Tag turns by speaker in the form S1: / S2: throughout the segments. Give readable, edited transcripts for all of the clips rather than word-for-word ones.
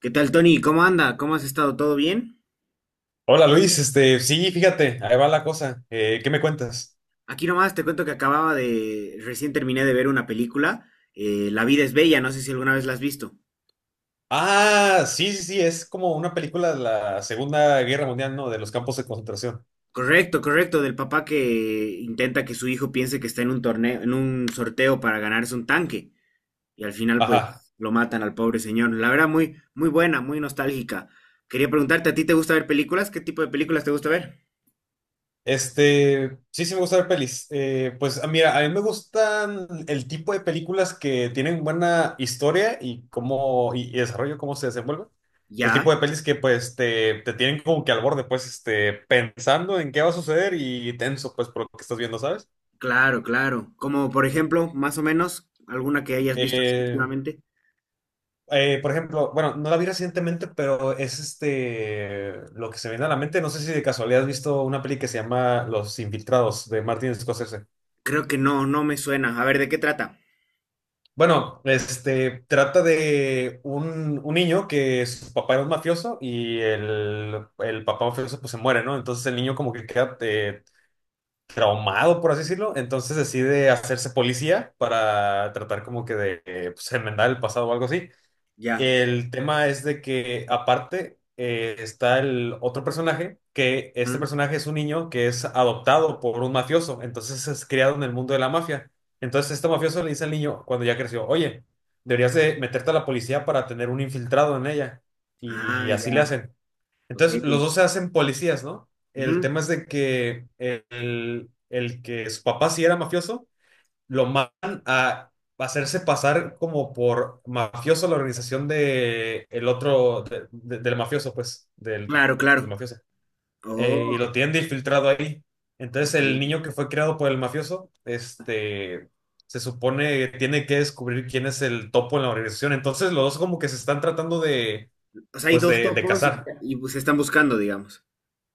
S1: ¿Qué tal, Tony? ¿Cómo anda? ¿Cómo has estado? ¿Todo bien?
S2: Hola Luis, sí, fíjate, ahí va la cosa. ¿Qué me cuentas?
S1: Aquí nomás te cuento que recién terminé de ver una película, La vida es bella, no sé si alguna vez la has visto.
S2: Ah, sí, sí, sí, es como una película de la Segunda Guerra Mundial, ¿no? De los campos de concentración.
S1: Correcto, correcto, del papá que intenta que su hijo piense que está en un torneo, en un sorteo para ganarse un tanque y al final pues
S2: Ajá.
S1: lo matan al pobre señor. La verdad muy, muy buena, muy nostálgica. Quería preguntarte, ¿a ti te gusta ver películas? ¿Qué tipo de películas te gusta ver?
S2: Sí, sí me gusta ver pelis. Pues ah, mira, a mí me gustan el tipo de películas que tienen buena historia y cómo, y desarrollo, cómo se desenvuelven. El
S1: Ya,
S2: tipo de pelis que pues te tienen como que al borde, pues, este, pensando en qué va a suceder y tenso, pues, por lo que estás viendo, ¿sabes?
S1: claro, claro. Como por ejemplo, más o menos, alguna que hayas visto así
S2: Eh,
S1: últimamente.
S2: Por ejemplo, bueno, no la vi recientemente, pero es este lo que se viene a la mente. No sé si de casualidad has visto una peli que se llama Los Infiltrados de Martin Scorsese.
S1: Creo que no, no me suena. A ver, ¿de qué trata?
S2: Bueno, este trata de un niño que su papá era un mafioso y el papá mafioso pues se muere, ¿no? Entonces el niño como que queda traumado, por así decirlo. Entonces decide hacerse policía para tratar como que de pues, enmendar el pasado o algo así.
S1: Ya.
S2: El tema es de que aparte está el otro personaje, que este
S1: ¿Mm?
S2: personaje es un niño que es adoptado por un mafioso, entonces es criado en el mundo de la mafia. Entonces este mafioso le dice al niño cuando ya creció, oye, deberías de meterte a la policía para tener un infiltrado en ella.
S1: Ah,
S2: Y así le
S1: ya.
S2: hacen.
S1: Ok.
S2: Entonces los dos se hacen policías, ¿no? El
S1: Ujú.
S2: tema es de que el que su papá sí era mafioso lo mandan a hacerse pasar como por mafioso a la organización de el otro, del mafioso, pues, del,
S1: Claro, claro.
S2: del mafioso.
S1: Oh,
S2: Y lo tienen de infiltrado ahí. Entonces
S1: ok.
S2: el niño que fue creado por el mafioso, este, se supone que tiene que descubrir quién es el topo en la organización. Entonces los dos como que se están tratando de,
S1: O sea, hay
S2: pues,
S1: dos
S2: de
S1: topos y,
S2: cazar.
S1: y pues, se están buscando, digamos.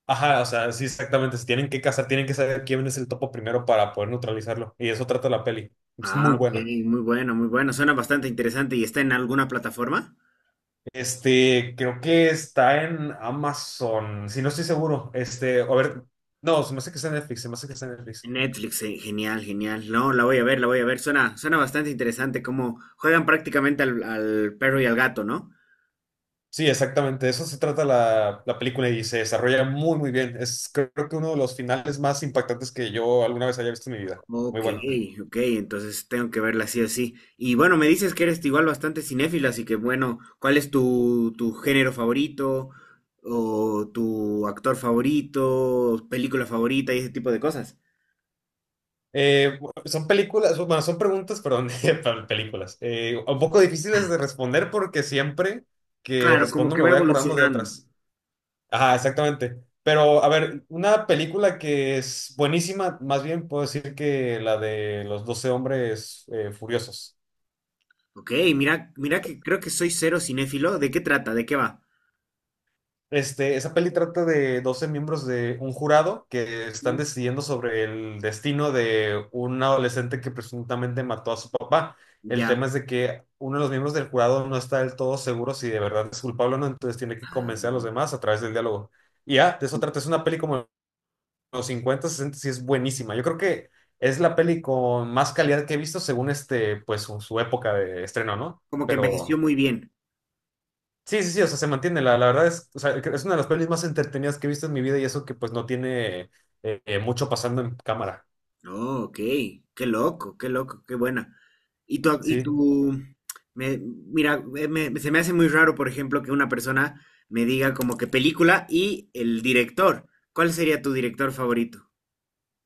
S2: Ajá, o sea, sí, exactamente. Se tienen que cazar, tienen que saber quién es el topo primero para poder neutralizarlo. Y eso trata la peli. Es
S1: Ah,
S2: muy
S1: ok.
S2: buena.
S1: Muy bueno, muy bueno. Suena bastante interesante. ¿Y está en alguna plataforma?
S2: Este, creo que está en Amazon. Si no estoy seguro. Este, a ver. No, se me hace que está en Netflix. Se me hace que está en Netflix.
S1: En Netflix, genial, genial. No, la voy a ver, la voy a ver. Suena, suena bastante interesante cómo juegan prácticamente al, perro y al gato, ¿no?
S2: Sí, exactamente. De eso se trata la película y se desarrolla muy, muy bien. Es creo que uno de los finales más impactantes que yo alguna vez haya visto en mi vida. Muy
S1: Ok,
S2: bueno.
S1: ok, entonces tengo que verla así así. Y bueno, me dices que eres igual bastante cinéfila, así que bueno, ¿cuál es tu género favorito o tu actor favorito, película favorita y ese tipo de cosas?
S2: Eh, Son películas, bueno, son preguntas, perdón, para películas. Un poco difíciles de responder porque siempre que
S1: Claro, como
S2: respondo
S1: que
S2: me
S1: va
S2: voy acordando de
S1: evolucionando.
S2: otras. Ajá, exactamente. Pero, a ver, una película que es buenísima, más bien puedo decir que la de los 12 hombres furiosos.
S1: Ok, mira, mira que creo que soy cero cinéfilo. ¿De qué trata? ¿De qué va?
S2: Este, esa peli trata de 12 miembros de un jurado que están
S1: Mm.
S2: decidiendo sobre el destino de un adolescente que presuntamente mató a su papá. El
S1: Ya.
S2: tema es de que uno de los miembros del jurado no está del todo seguro si de verdad es culpable o no, entonces tiene que
S1: Ah,
S2: convencer a los demás a través del diálogo. Y ya, de eso trata. Es una peli como los 50, 60 sí es buenísima. Yo creo que es la peli con más calidad que he visto según este, pues su época de estreno, ¿no?
S1: como que envejeció
S2: Pero
S1: muy bien.
S2: sí, sí, sí, o sea, se mantiene. La verdad es, o sea, es una de las pelis más entretenidas que he visto en mi vida y eso que pues no tiene mucho pasando en cámara.
S1: Oh, ok. Qué loco, qué loco, qué buena. Y tú, y
S2: Sí.
S1: tú, mira, se me hace muy raro, por ejemplo, que una persona me diga como que película y el director. ¿Cuál sería tu director favorito?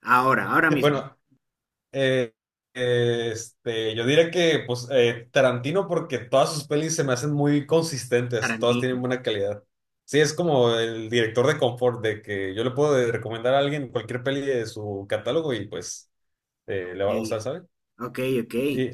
S1: Ahora, ahora mismo.
S2: Bueno, Eh, este, yo diría que pues Tarantino porque todas sus pelis se me hacen muy consistentes, todas tienen
S1: Tarantino.
S2: buena calidad. Sí, es como el director de confort, de que yo le puedo recomendar a alguien cualquier peli de su catálogo y pues le va a gustar,
S1: Ey,
S2: ¿sabes?
S1: Ok, ok.
S2: Y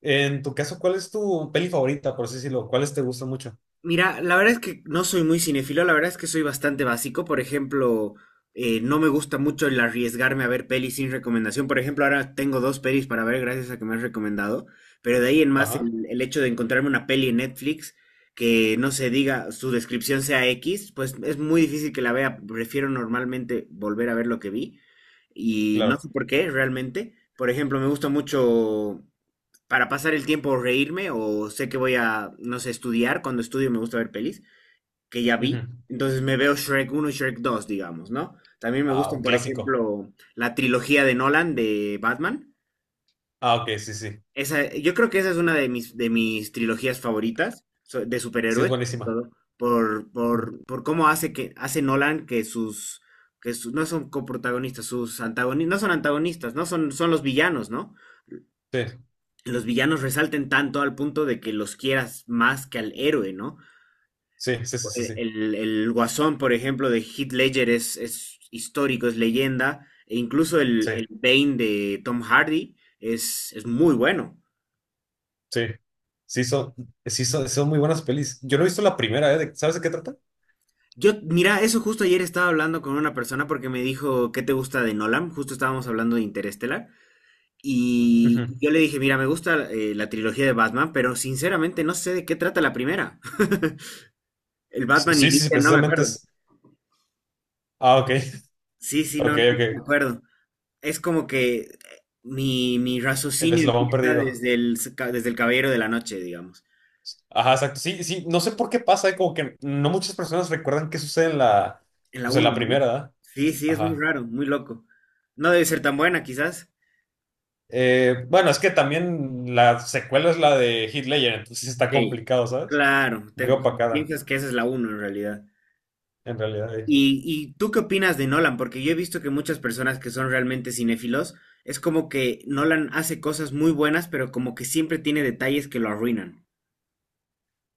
S2: en tu caso, ¿cuál es tu peli favorita, por así decirlo? ¿Cuáles te gustan mucho?
S1: Mira, la verdad es que no soy muy cinéfilo, la verdad es que soy bastante básico. Por ejemplo, no me gusta mucho el arriesgarme a ver pelis sin recomendación. Por ejemplo, ahora tengo dos pelis para ver gracias a que me has recomendado. Pero de ahí en más,
S2: Ajá,
S1: el hecho de encontrarme una peli en Netflix que no se diga, su descripción sea X, pues es muy difícil que la vea. Prefiero normalmente volver a ver lo que vi. Y no sé
S2: claro.
S1: por qué, realmente. Por ejemplo, me gusta mucho para pasar el tiempo o reírme o sé que voy a, no sé, estudiar. Cuando estudio me gusta ver pelis que ya vi.
S2: Ujú.
S1: Entonces me veo Shrek uno y Shrek dos digamos, ¿no? También me
S2: Ah, un
S1: gustan, por
S2: clásico.
S1: ejemplo, la trilogía de Nolan de Batman.
S2: Ah, ok, sí, sí.
S1: Esa, yo creo que esa es una de mis, trilogías favoritas de
S2: Sí, es
S1: superhéroes, sobre
S2: buenísima.
S1: todo, por cómo hace que hace Nolan que sus, no son coprotagonistas, sus antagonistas, no son, son los villanos, ¿no?
S2: Sí,
S1: Los villanos resalten tanto al punto de que los quieras más que al héroe, ¿no?
S2: sí, sí, sí, sí,
S1: El,
S2: sí.
S1: el guasón, por ejemplo, de Heath Ledger es, histórico, es leyenda, e incluso el,
S2: Sí.
S1: el Bane de Tom Hardy es muy bueno.
S2: Sí, sí son, sí son, son muy buenas pelis. Yo no he visto la primera, ¿eh? De- ¿Sabes de qué trata?
S1: Yo, mira, eso justo ayer estaba hablando con una persona porque me dijo, ¿qué te gusta de Nolan? Justo estábamos hablando de Interestelar.
S2: Ujú.
S1: Y yo le dije, mira, me gusta la trilogía de Batman, pero sinceramente no sé de qué trata la primera. El
S2: Sí,
S1: Batman
S2: sí, sí,
S1: inicia, no me
S2: precisamente
S1: acuerdo.
S2: es. Ah, ok,
S1: Sí, sí,
S2: ok,
S1: no, no, no me
S2: ok.
S1: acuerdo. Es como que mi,
S2: El
S1: raciocinio
S2: eslabón
S1: empieza
S2: perdido.
S1: desde el, desde el Caballero de la Noche, digamos.
S2: Ajá, exacto. Sí, sí, no sé por qué pasa, ¿eh? Como que no muchas personas recuerdan qué sucede en la,
S1: En la
S2: pues en
S1: uno,
S2: la
S1: ¿no?
S2: primera, ¿verdad?
S1: Sí, sí, es muy
S2: Ajá.
S1: raro, muy loco. No debe ser tan buena, quizás.
S2: Bueno, es que también la secuela es la de Heath Ledger, entonces sí está
S1: Sí.
S2: complicado, ¿sabes?
S1: Claro,
S2: Muy
S1: te
S2: opacada,
S1: piensas que esa es la uno, en realidad.
S2: en realidad.
S1: y tú qué opinas de Nolan? Porque yo he visto que muchas personas que son realmente cinéfilos, es como que Nolan hace cosas muy buenas, pero como que siempre tiene detalles que lo arruinan.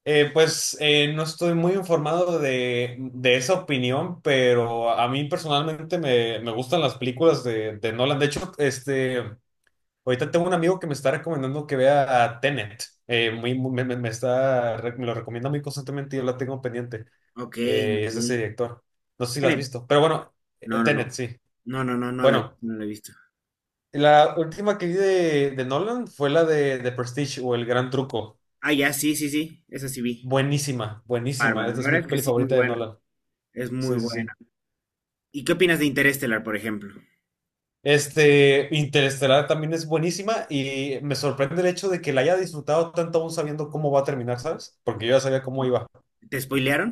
S2: Pues no estoy muy informado de esa opinión, pero a mí personalmente me gustan las películas de Nolan. De hecho, este, ahorita tengo un amigo que me está recomendando que vea a Tenet. Muy, muy- me está, re- me lo recomienda muy constantemente y yo la tengo pendiente.
S1: Ok, ok.
S2: Es de ese director. No sé si la has
S1: Tiene
S2: visto, pero bueno,
S1: No, no,
S2: Tenet,
S1: no.
S2: sí.
S1: No, no, no, no la he visto,
S2: Bueno,
S1: no la he visto.
S2: la última que vi de Nolan fue la de Prestige o El Gran Truco.
S1: Ah, ya, sí, sí, sí. Esa sí vi.
S2: Buenísima, buenísima.
S1: Bárbara.
S2: Esta
S1: La
S2: es
S1: verdad
S2: mi
S1: es que
S2: peli
S1: sí, muy
S2: favorita de
S1: buena.
S2: Nolan.
S1: Es muy
S2: Sí, sí, sí.
S1: buena. ¿Y qué opinas de Interestelar, por ejemplo?
S2: Este, Interestelar también es buenísima y me sorprende el hecho de que la haya disfrutado tanto aún sabiendo cómo va a terminar, ¿sabes? Porque yo ya sabía cómo iba.
S1: ¿Te spoilearon?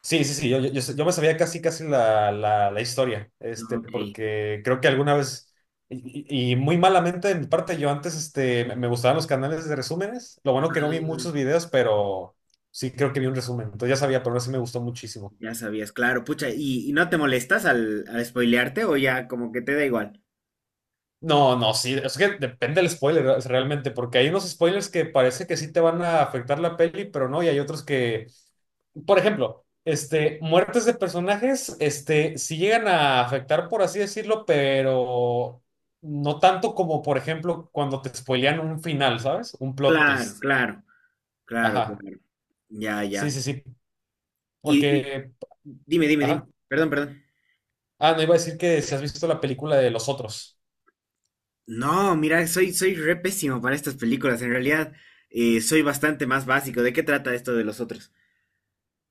S2: Sí, sí, sí, yo sé- yo me sabía casi, casi la historia, este,
S1: Ok.
S2: porque creo que alguna vez, y muy malamente de mi parte, yo antes, este, me gustaban los canales de resúmenes, lo bueno que no vi
S1: Ah,
S2: muchos videos, pero sí creo que vi un resumen, entonces ya sabía, pero no sí me gustó muchísimo.
S1: ya sabías, claro. Pucha, ¿y, no te molestas al spoilearte o ya como que te da igual?
S2: No, no, sí, es que depende del spoiler es realmente, porque hay unos spoilers que parece que sí te van a afectar la peli, pero no, y hay otros que, por ejemplo, este, muertes de personajes, este, sí llegan a afectar, por así decirlo, pero no tanto como, por ejemplo, cuando te spoilean un final, ¿sabes? Un plot
S1: Claro,
S2: twist.
S1: claro, claro,
S2: Ajá,
S1: claro. Ya,
S2: sí,
S1: ya.
S2: sí, sí,
S1: y,
S2: porque,
S1: dime, dime, dime.
S2: ajá.
S1: Perdón, perdón.
S2: Ah, no iba a decir que si has visto la película de Los Otros.
S1: No, mira, soy re pésimo para estas películas. En realidad, soy bastante más básico. ¿De qué trata esto de los otros?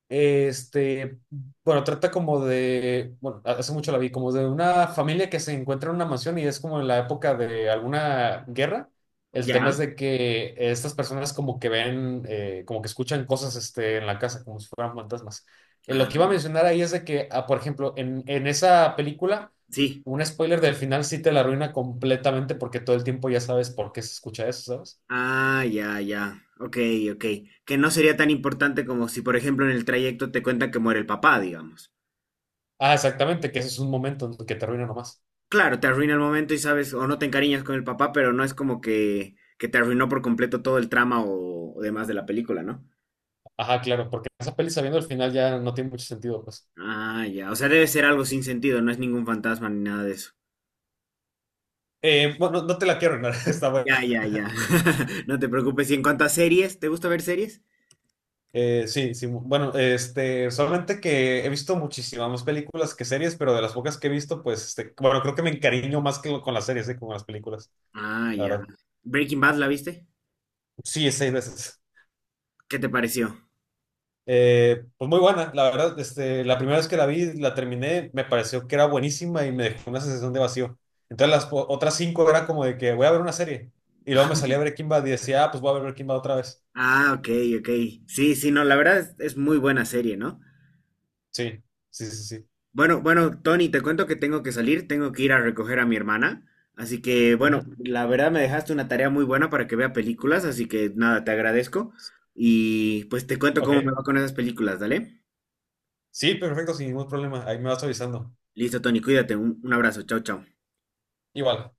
S2: Este, bueno, trata como de, bueno, hace mucho la vi, como de una familia que se encuentra en una mansión y es como en la época de alguna guerra. El tema
S1: Ya.
S2: es de que estas personas como que ven, como que escuchan cosas, este, en la casa, como si fueran fantasmas. Lo
S1: Ah,
S2: que iba a mencionar ahí es de que, ah, por ejemplo, en esa película,
S1: sí.
S2: un spoiler del final sí te la arruina completamente porque todo el tiempo ya sabes por qué se escucha eso, ¿sabes?
S1: Ah, ya, ya. Ok, ok. Que no sería tan importante como si, por ejemplo, en el trayecto te cuentan que muere el papá, digamos.
S2: Ah, exactamente, que ese es un momento en que te arruina nomás.
S1: Claro, te arruina el momento y sabes, o no te encariñas con el papá, pero no es como que, te arruinó por completo todo el trama o demás de la película, ¿no?
S2: Ajá, claro, porque esa peli sabiendo el final ya no tiene mucho sentido, pues.
S1: Ah, ya. O sea, debe ser algo sin sentido, no es ningún fantasma ni nada de eso.
S2: Bueno, no te la quiero arruinar, está
S1: Ya,
S2: buena.
S1: ya, ya. No te preocupes. Y en cuanto a series, ¿te gusta ver series?
S2: Sí, sí, bueno, este, solamente que he visto muchísimas más películas que series, pero de las pocas que he visto, pues, este, bueno, creo que me encariño más que con las series, que con las películas,
S1: Ah,
S2: la
S1: ya.
S2: verdad.
S1: Breaking Bad, ¿la viste?
S2: Sí, es 6 veces.
S1: ¿Qué te pareció?
S2: Pues muy buena, la verdad, este, la primera vez que la vi, la terminé, me pareció que era buenísima y me dejó una sensación de vacío. Entonces las otras 5 era como de que voy a ver una serie, y luego me salía Breaking Bad y decía, ah, pues voy a ver Breaking Bad otra vez.
S1: Ah, ok, ok. Sí, sí, no, la verdad es muy buena serie, ¿no?
S2: Sí, sí, sí, sí.
S1: Bueno, bueno, Tony, te cuento que tengo que salir, tengo que ir a recoger a mi hermana. Así que,
S2: Ujú.
S1: bueno, la verdad me dejaste una tarea muy buena para que vea películas, así que nada, te agradezco. Y pues te cuento cómo me
S2: Ok.
S1: va con esas películas, ¿dale?
S2: Sí, perfecto, sin ningún problema. Ahí me vas avisando.
S1: Listo, Tony, cuídate, un, abrazo, chao, chao.
S2: Igual,